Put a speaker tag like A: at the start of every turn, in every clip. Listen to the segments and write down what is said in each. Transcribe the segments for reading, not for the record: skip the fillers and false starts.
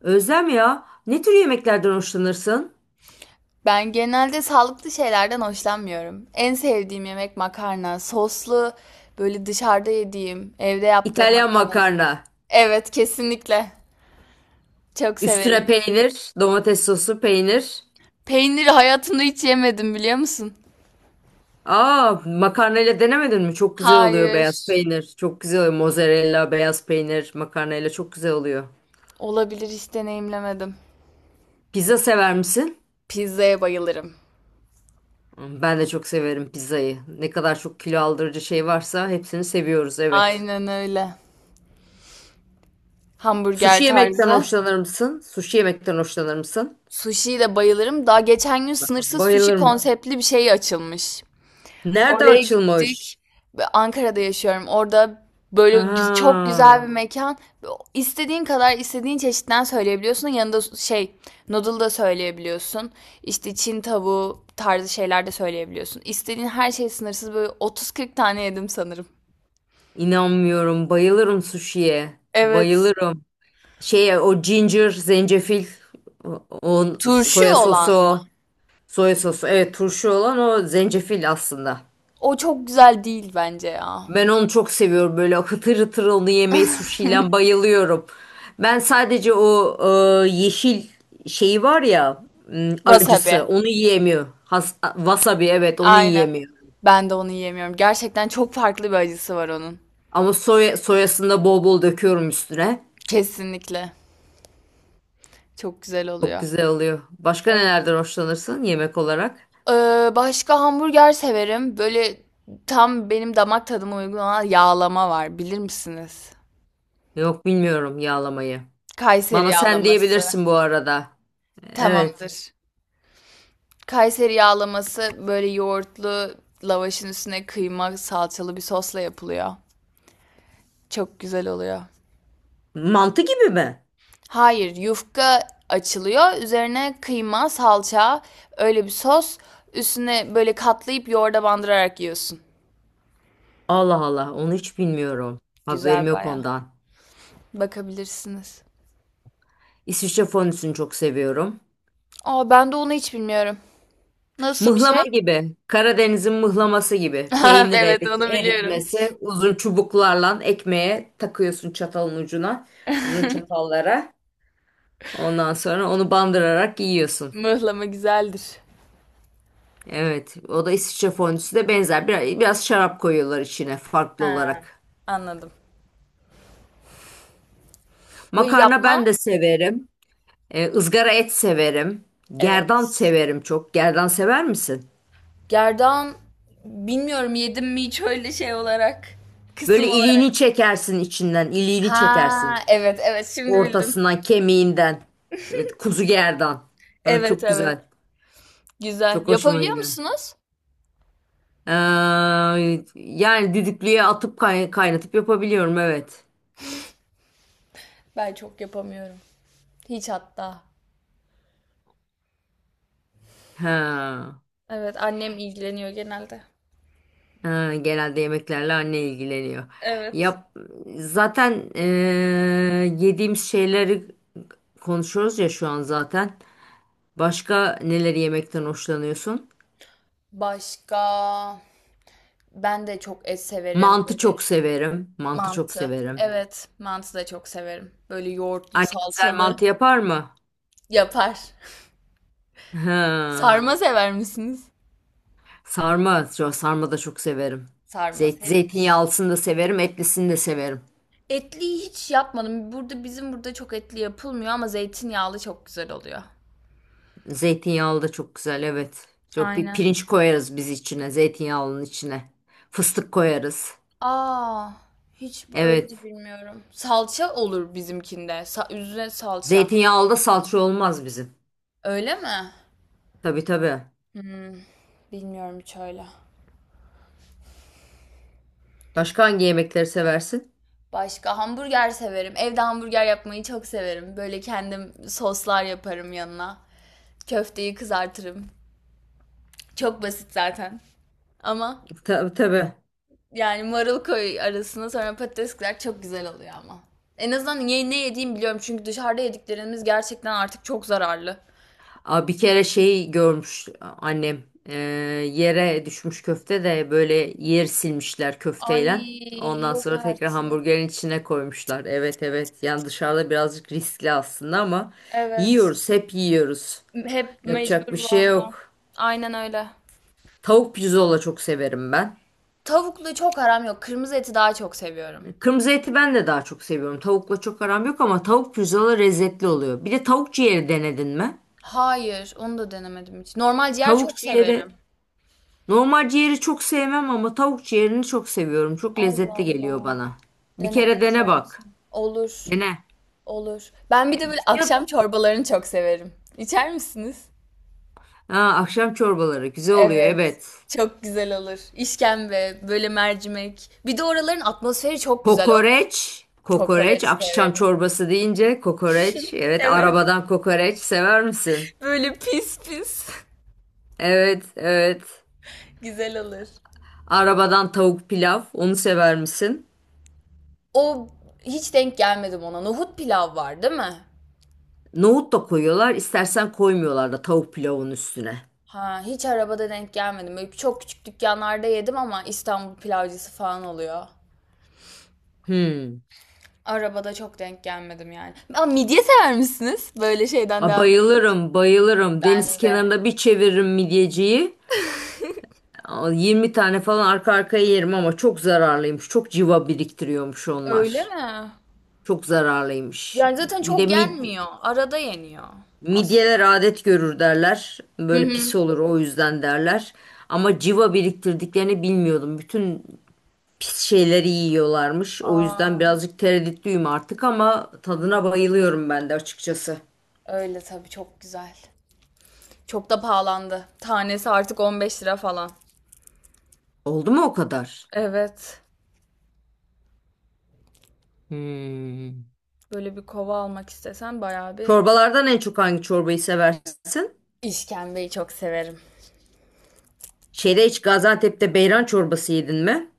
A: Özlem ya, ne tür yemeklerden hoşlanırsın?
B: Ben genelde sağlıklı şeylerden hoşlanmıyorum. En sevdiğim yemek makarna. Soslu böyle dışarıda yediğim, evde yaptığım
A: İtalyan
B: makarnaları.
A: makarna.
B: Evet, kesinlikle. Çok
A: Üstüne
B: severim.
A: peynir, domates sosu, peynir.
B: Peyniri hayatımda hiç yemedim biliyor musun?
A: Aa, makarnayla denemedin mi? Çok güzel oluyor
B: Hayır.
A: beyaz peynir. Çok güzel oluyor. Mozzarella, beyaz peynir, makarnayla çok güzel oluyor.
B: Olabilir, hiç deneyimlemedim.
A: Pizza sever misin?
B: Pizzaya bayılırım.
A: Hmm, ben de çok severim pizzayı. Ne kadar çok kilo aldırıcı şey varsa hepsini seviyoruz, evet.
B: Aynen öyle. Hamburger
A: Sushi yemekten
B: tarzı.
A: hoşlanır mısın? Sushi yemekten hoşlanır mısın?
B: Sushi'ye de bayılırım. Daha geçen gün sınırsız sushi
A: Bayılırım.
B: konseptli bir şey açılmış.
A: Nerede
B: Oraya gittik.
A: açılmış?
B: Ve Ankara'da yaşıyorum. Orada böyle çok güzel bir
A: Ha.
B: mekan. İstediğin kadar istediğin çeşitten söyleyebiliyorsun. Yanında şey noodle da söyleyebiliyorsun. İşte Çin tavuğu tarzı şeyler de söyleyebiliyorsun. İstediğin her şey sınırsız. Böyle 30-40 tane yedim sanırım.
A: İnanmıyorum. Bayılırım suşiye.
B: Evet.
A: Bayılırım. Şey o ginger, zencefil, o
B: Turşu
A: soya
B: olan mı?
A: sosu, soya sosu. Evet turşu olan o zencefil aslında.
B: O çok güzel değil bence ya.
A: Ben onu çok seviyorum. Böyle hıtır hıtır onu yemeyi suşiyle bayılıyorum. Ben sadece o yeşil şeyi var ya
B: Wasabi.
A: acısı onu yiyemiyor. Has, wasabi evet onu
B: Aynen.
A: yiyemiyor.
B: Ben de onu yiyemiyorum. Gerçekten çok farklı bir acısı var onun.
A: Ama soyasını da bol bol döküyorum üstüne.
B: Kesinlikle. Çok güzel
A: Çok
B: oluyor.
A: güzel oluyor. Başka
B: Evet.
A: nelerden hoşlanırsın yemek olarak?
B: Başka hamburger severim. Böyle tam benim damak tadıma uygun olan yağlama var. Bilir misiniz?
A: Yok bilmiyorum yağlamayı.
B: Kayseri
A: Bana sen
B: yağlaması.
A: diyebilirsin bu arada. Evet.
B: Tamamdır. Kayseri yağlaması böyle yoğurtlu lavaşın üstüne kıyma salçalı bir sosla yapılıyor. Çok güzel oluyor.
A: Mantı gibi mi?
B: Hayır, yufka açılıyor. Üzerine kıyma, salça, öyle bir sos. Üstüne böyle katlayıp yoğurda bandırarak yiyorsun.
A: Allah Allah onu hiç bilmiyorum. Haberim
B: Güzel
A: yok
B: baya.
A: ondan.
B: Bakabilirsiniz.
A: İsviçre fondüsünü çok seviyorum.
B: Aa, ben de onu hiç bilmiyorum. Nasıl bir
A: Mıhlama
B: şey?
A: gibi. Karadeniz'in mıhlaması gibi.
B: Ha,
A: Peynir
B: evet onu biliyorum.
A: eritmesi. Uzun çubuklarla ekmeğe takıyorsun çatalın ucuna. Uzun çatallara. Ondan sonra onu bandırarak yiyorsun.
B: Mıhlama güzeldir.
A: Evet, o da İsviçre fondüsü de benzer. Biraz şarap koyuyorlar içine farklı
B: Ha,
A: olarak.
B: anladım. Böyle
A: Makarna ben
B: yapma.
A: de severim. Izgara et severim. Gerdan
B: Evet.
A: severim çok. Gerdan sever misin?
B: Gerdan, bilmiyorum yedim mi hiç öyle şey olarak. Kısım
A: Böyle
B: olarak.
A: iliğini çekersin içinden, iliğini
B: Ha,
A: çekersin.
B: evet evet, şimdi bildim.
A: Ortasından, kemiğinden. Evet, kuzu gerdan. Ha,
B: Evet
A: çok
B: evet.
A: güzel.
B: Güzel.
A: Çok hoşuma
B: Yapabiliyor
A: gider.
B: musunuz?
A: Ee, yani düdüklüye atıp kaynatıp yapabiliyorum, evet.
B: Ben çok yapamıyorum. Hiç hatta.
A: Ha.
B: Evet, annem ilgileniyor genelde.
A: Ha, genelde yemeklerle anne ilgileniyor.
B: Evet.
A: Yap, zaten yediğimiz şeyleri konuşuyoruz ya şu an zaten. Başka neleri yemekten hoşlanıyorsun?
B: Başka ben de çok et severim
A: Mantı çok
B: böyle.
A: severim. Mantı çok
B: Mantı.
A: severim.
B: Evet, mantı da çok severim. Böyle yoğurtlu,
A: Anne güzel mantı
B: salçalı
A: yapar mı?
B: yapar.
A: Ha.
B: Sarma sever misiniz?
A: Sarma, sarma da çok severim.
B: Sarma sevilir.
A: Zeytinyağlısını da severim, etlisini de severim.
B: Etliyi hiç yapmadım. Burada, bizim burada çok etli yapılmıyor ama zeytinyağlı çok güzel oluyor.
A: Zeytinyağlı da çok güzel, evet. Çok bir
B: Aynen.
A: pirinç koyarız biz içine, zeytinyağlının içine. Fıstık koyarız.
B: Aa, hiç öyle de
A: Evet.
B: bilmiyorum. Salça olur bizimkinde. Üzerine salça.
A: Zeytinyağlı da salça olmaz bizim.
B: Öyle mi?
A: Tabii tabii.
B: Bilmiyorum hiç öyle.
A: Başka hangi yemekleri seversin?
B: Başka hamburger severim. Evde hamburger yapmayı çok severim. Böyle kendim soslar yaparım yanına. Köfteyi kızartırım. Çok basit zaten. Ama
A: Tabii tabii.
B: yani marul koy arasına, sonra patates kızar, çok güzel oluyor ama. En azından ne yediğimi biliyorum, çünkü dışarıda yediklerimiz gerçekten artık çok zararlı.
A: Aa, bir kere şeyi görmüş annem. Ee, yere düşmüş köfte de böyle yer silmişler
B: Ay,
A: köfteyle. Ondan
B: yok
A: sonra tekrar
B: artık.
A: hamburgerin içine koymuşlar. Evet evet. Yani dışarıda birazcık riskli aslında ama
B: Evet.
A: yiyoruz, hep yiyoruz.
B: Hep
A: Yapacak
B: mecbur
A: bir şey
B: valla.
A: yok.
B: Aynen öyle.
A: Tavuk pirzola çok severim ben.
B: Tavuklu çok aram yok. Kırmızı eti daha çok seviyorum.
A: Kırmızı eti ben de daha çok seviyorum. Tavukla çok aram yok ama tavuk pirzola lezzetli oluyor. Bir de tavuk ciğeri denedin mi?
B: Hayır, onu da denemedim hiç. Normal ciğer
A: Tavuk
B: çok
A: ciğeri,
B: severim.
A: normal ciğeri çok sevmem ama tavuk ciğerini çok seviyorum. Çok
B: Allah
A: lezzetli geliyor
B: Allah.
A: bana. Bir kere
B: Denemek
A: dene bak.
B: lazım. Olur.
A: Dene.
B: Olur. Ben bir de böyle
A: Ya,
B: akşam çorbalarını çok severim. İçer misiniz?
A: ha, akşam çorbaları güzel oluyor
B: Evet.
A: evet.
B: Çok güzel olur. İşkembe, böyle mercimek. Bir de oraların atmosferi çok güzel. O
A: Kokoreç, kokoreç,
B: kokoreç
A: akşam
B: severim.
A: çorbası deyince kokoreç. Evet,
B: Evet.
A: arabadan kokoreç sever misin?
B: Böyle pis pis.
A: Evet, evet.
B: Güzel olur.
A: Arabadan tavuk pilav, onu sever misin?
B: O, hiç denk gelmedim ona. Nohut pilav var, değil mi?
A: Nohut da koyuyorlar, istersen koymuyorlar da tavuk pilavın üstüne.
B: Ha, hiç arabada denk gelmedim. Böyle çok küçük dükkanlarda yedim ama İstanbul pilavcısı falan oluyor.
A: Hmm.
B: Arabada çok denk gelmedim yani. Aa, midye sever misiniz? Böyle şeyden
A: A,
B: devam et.
A: bayılırım, bayılırım.
B: Ben
A: Deniz
B: de.
A: kenarında bir çeviririm midyeciyi. A, 20 tane falan arka arkaya yerim ama çok zararlıymış. Çok civa biriktiriyormuş
B: Öyle
A: onlar.
B: mi?
A: Çok zararlıymış.
B: Yani zaten
A: Bir de
B: çok yenmiyor. Arada yeniyor
A: midyeler
B: aslında.
A: adet görür derler.
B: Hı
A: Böyle
B: hı.
A: pis olur o yüzden derler. Ama civa biriktirdiklerini bilmiyordum. Bütün pis şeyleri yiyorlarmış. O
B: Aa,
A: yüzden birazcık tereddütlüyüm artık ama tadına bayılıyorum ben de açıkçası.
B: öyle tabii çok güzel. Çok da pahalandı. Tanesi artık 15 lira falan.
A: Oldu mu o kadar?
B: Evet.
A: Hmm.
B: Böyle bir kova almak istesen bayağı bir.
A: Çorbalardan en çok hangi çorbayı seversin?
B: İşkembeyi çok severim.
A: Şeyde hiç Gaziantep'te beyran çorbası yedin mi?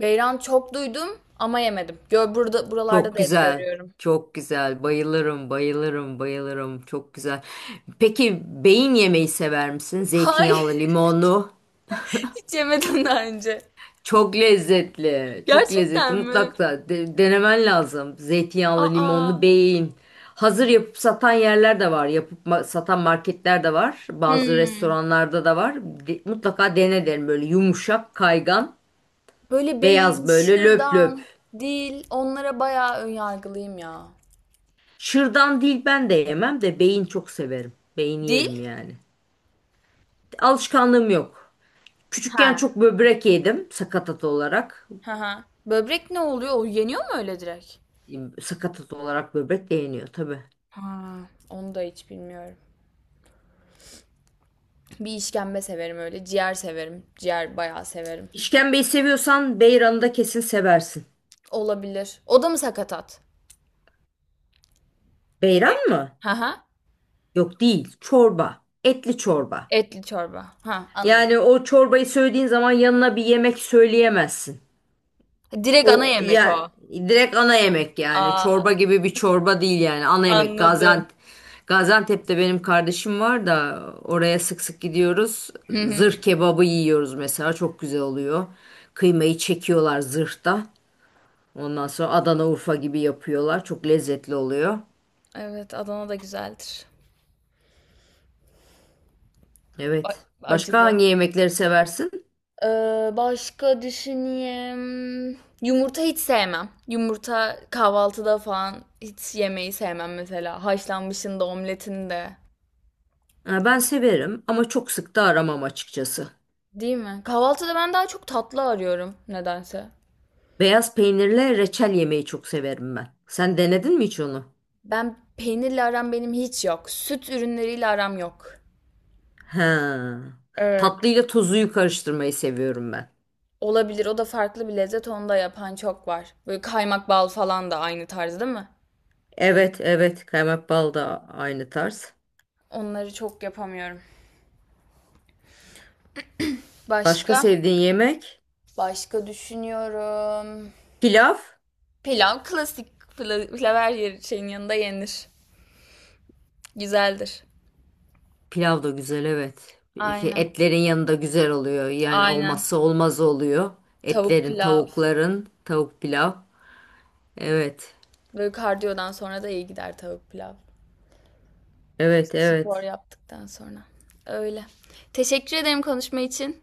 B: Beyran çok duydum ama yemedim. Gör, burada buralarda
A: Çok
B: da hep
A: güzel.
B: görüyorum.
A: Çok güzel. Bayılırım, bayılırım, bayılırım. Çok güzel. Peki beyin yemeği sever misin? Zeytinyağlı,
B: Hayır,
A: limonlu.
B: hiç yemedim daha önce.
A: Çok lezzetli. Çok lezzetli.
B: Gerçekten mi?
A: Mutlaka denemen lazım. Zeytinyağlı,
B: Aa.
A: limonlu beyin. Hazır yapıp satan yerler de var. Yapıp satan marketler de var. Bazı
B: Hmm.
A: restoranlarda da var. Mutlaka dene derim böyle yumuşak, kaygan,
B: Böyle beyin,
A: beyaz böyle löp löp.
B: şırdan, dil, onlara bayağı ön yargılıyım ya.
A: Şırdan değil ben de yemem de beyin çok severim. Beyin
B: Dil?
A: yerim yani. Alışkanlığım yok. Küçükken
B: Ha.
A: çok böbrek yedim sakatat olarak.
B: Ha ha. Böbrek ne oluyor? O yeniyor mu öyle direkt?
A: Sakatat olarak böbrek de yeniyor tabii.
B: Ha, onu da hiç bilmiyorum. Bir işkembe severim öyle. Ciğer severim. Ciğer bayağı severim.
A: İşkembeyi seviyorsan beyranı da kesin seversin.
B: Olabilir. O da mı sakatat?
A: Beyran
B: Bey.
A: mı?
B: Ha ha.
A: Yok değil. Çorba. Etli çorba.
B: Etli çorba. Ha, anladım.
A: Yani o çorbayı söylediğin zaman yanına bir yemek söyleyemezsin.
B: Direkt ana
A: O
B: yemek o.
A: yani direkt ana yemek yani.
B: Aa,
A: Çorba gibi bir çorba değil yani. Ana yemek.
B: anladım.
A: Gaziantep'te benim kardeşim var da oraya sık sık gidiyoruz.
B: Hı hı.
A: Zırh kebabı yiyoruz mesela. Çok güzel oluyor. Kıymayı çekiyorlar zırhta. Ondan sonra Adana Urfa gibi yapıyorlar. Çok lezzetli oluyor.
B: Evet, Adana da güzeldir. A-
A: Evet. Başka
B: Acılı.
A: hangi yemekleri seversin?
B: Başka düşüneyim. Yumurta hiç sevmem. Yumurta kahvaltıda falan hiç yemeyi sevmem mesela. Haşlanmışın da omletin de.
A: Ha, ben severim ama çok sık da aramam açıkçası.
B: Değil mi? Kahvaltıda ben daha çok tatlı arıyorum nedense.
A: Beyaz peynirle reçel yemeyi çok severim ben. Sen denedin mi hiç onu?
B: Ben peynirle aram benim hiç yok. Süt ürünleriyle aram yok.
A: Ha.
B: Evet.
A: Tatlıyla tuzuyu karıştırmayı seviyorum ben.
B: Olabilir. O da farklı bir lezzet. Onu da yapan çok var. Böyle kaymak bal falan da aynı tarz değil mi?
A: Evet, evet. Kaymak bal da aynı tarz.
B: Onları çok yapamıyorum.
A: Başka
B: Başka?
A: sevdiğin yemek?
B: Başka düşünüyorum.
A: Pilav.
B: Pilav klasik, pilav şeyin yanında yenir. Güzeldir.
A: Pilav da güzel, evet.
B: Aynen.
A: Etlerin yanında güzel oluyor. Yani
B: Aynen.
A: olmazsa olmaz oluyor.
B: Tavuk
A: Etlerin,
B: pilav.
A: tavukların, tavuk pilav. Evet.
B: Böyle kardiyodan sonra da iyi gider tavuk pilav.
A: Evet,
B: Spor
A: evet.
B: yaptıktan sonra. Öyle. Teşekkür ederim konuşma için.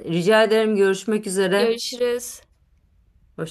A: Rica ederim, görüşmek üzere.
B: Görüşürüz.
A: Hoşça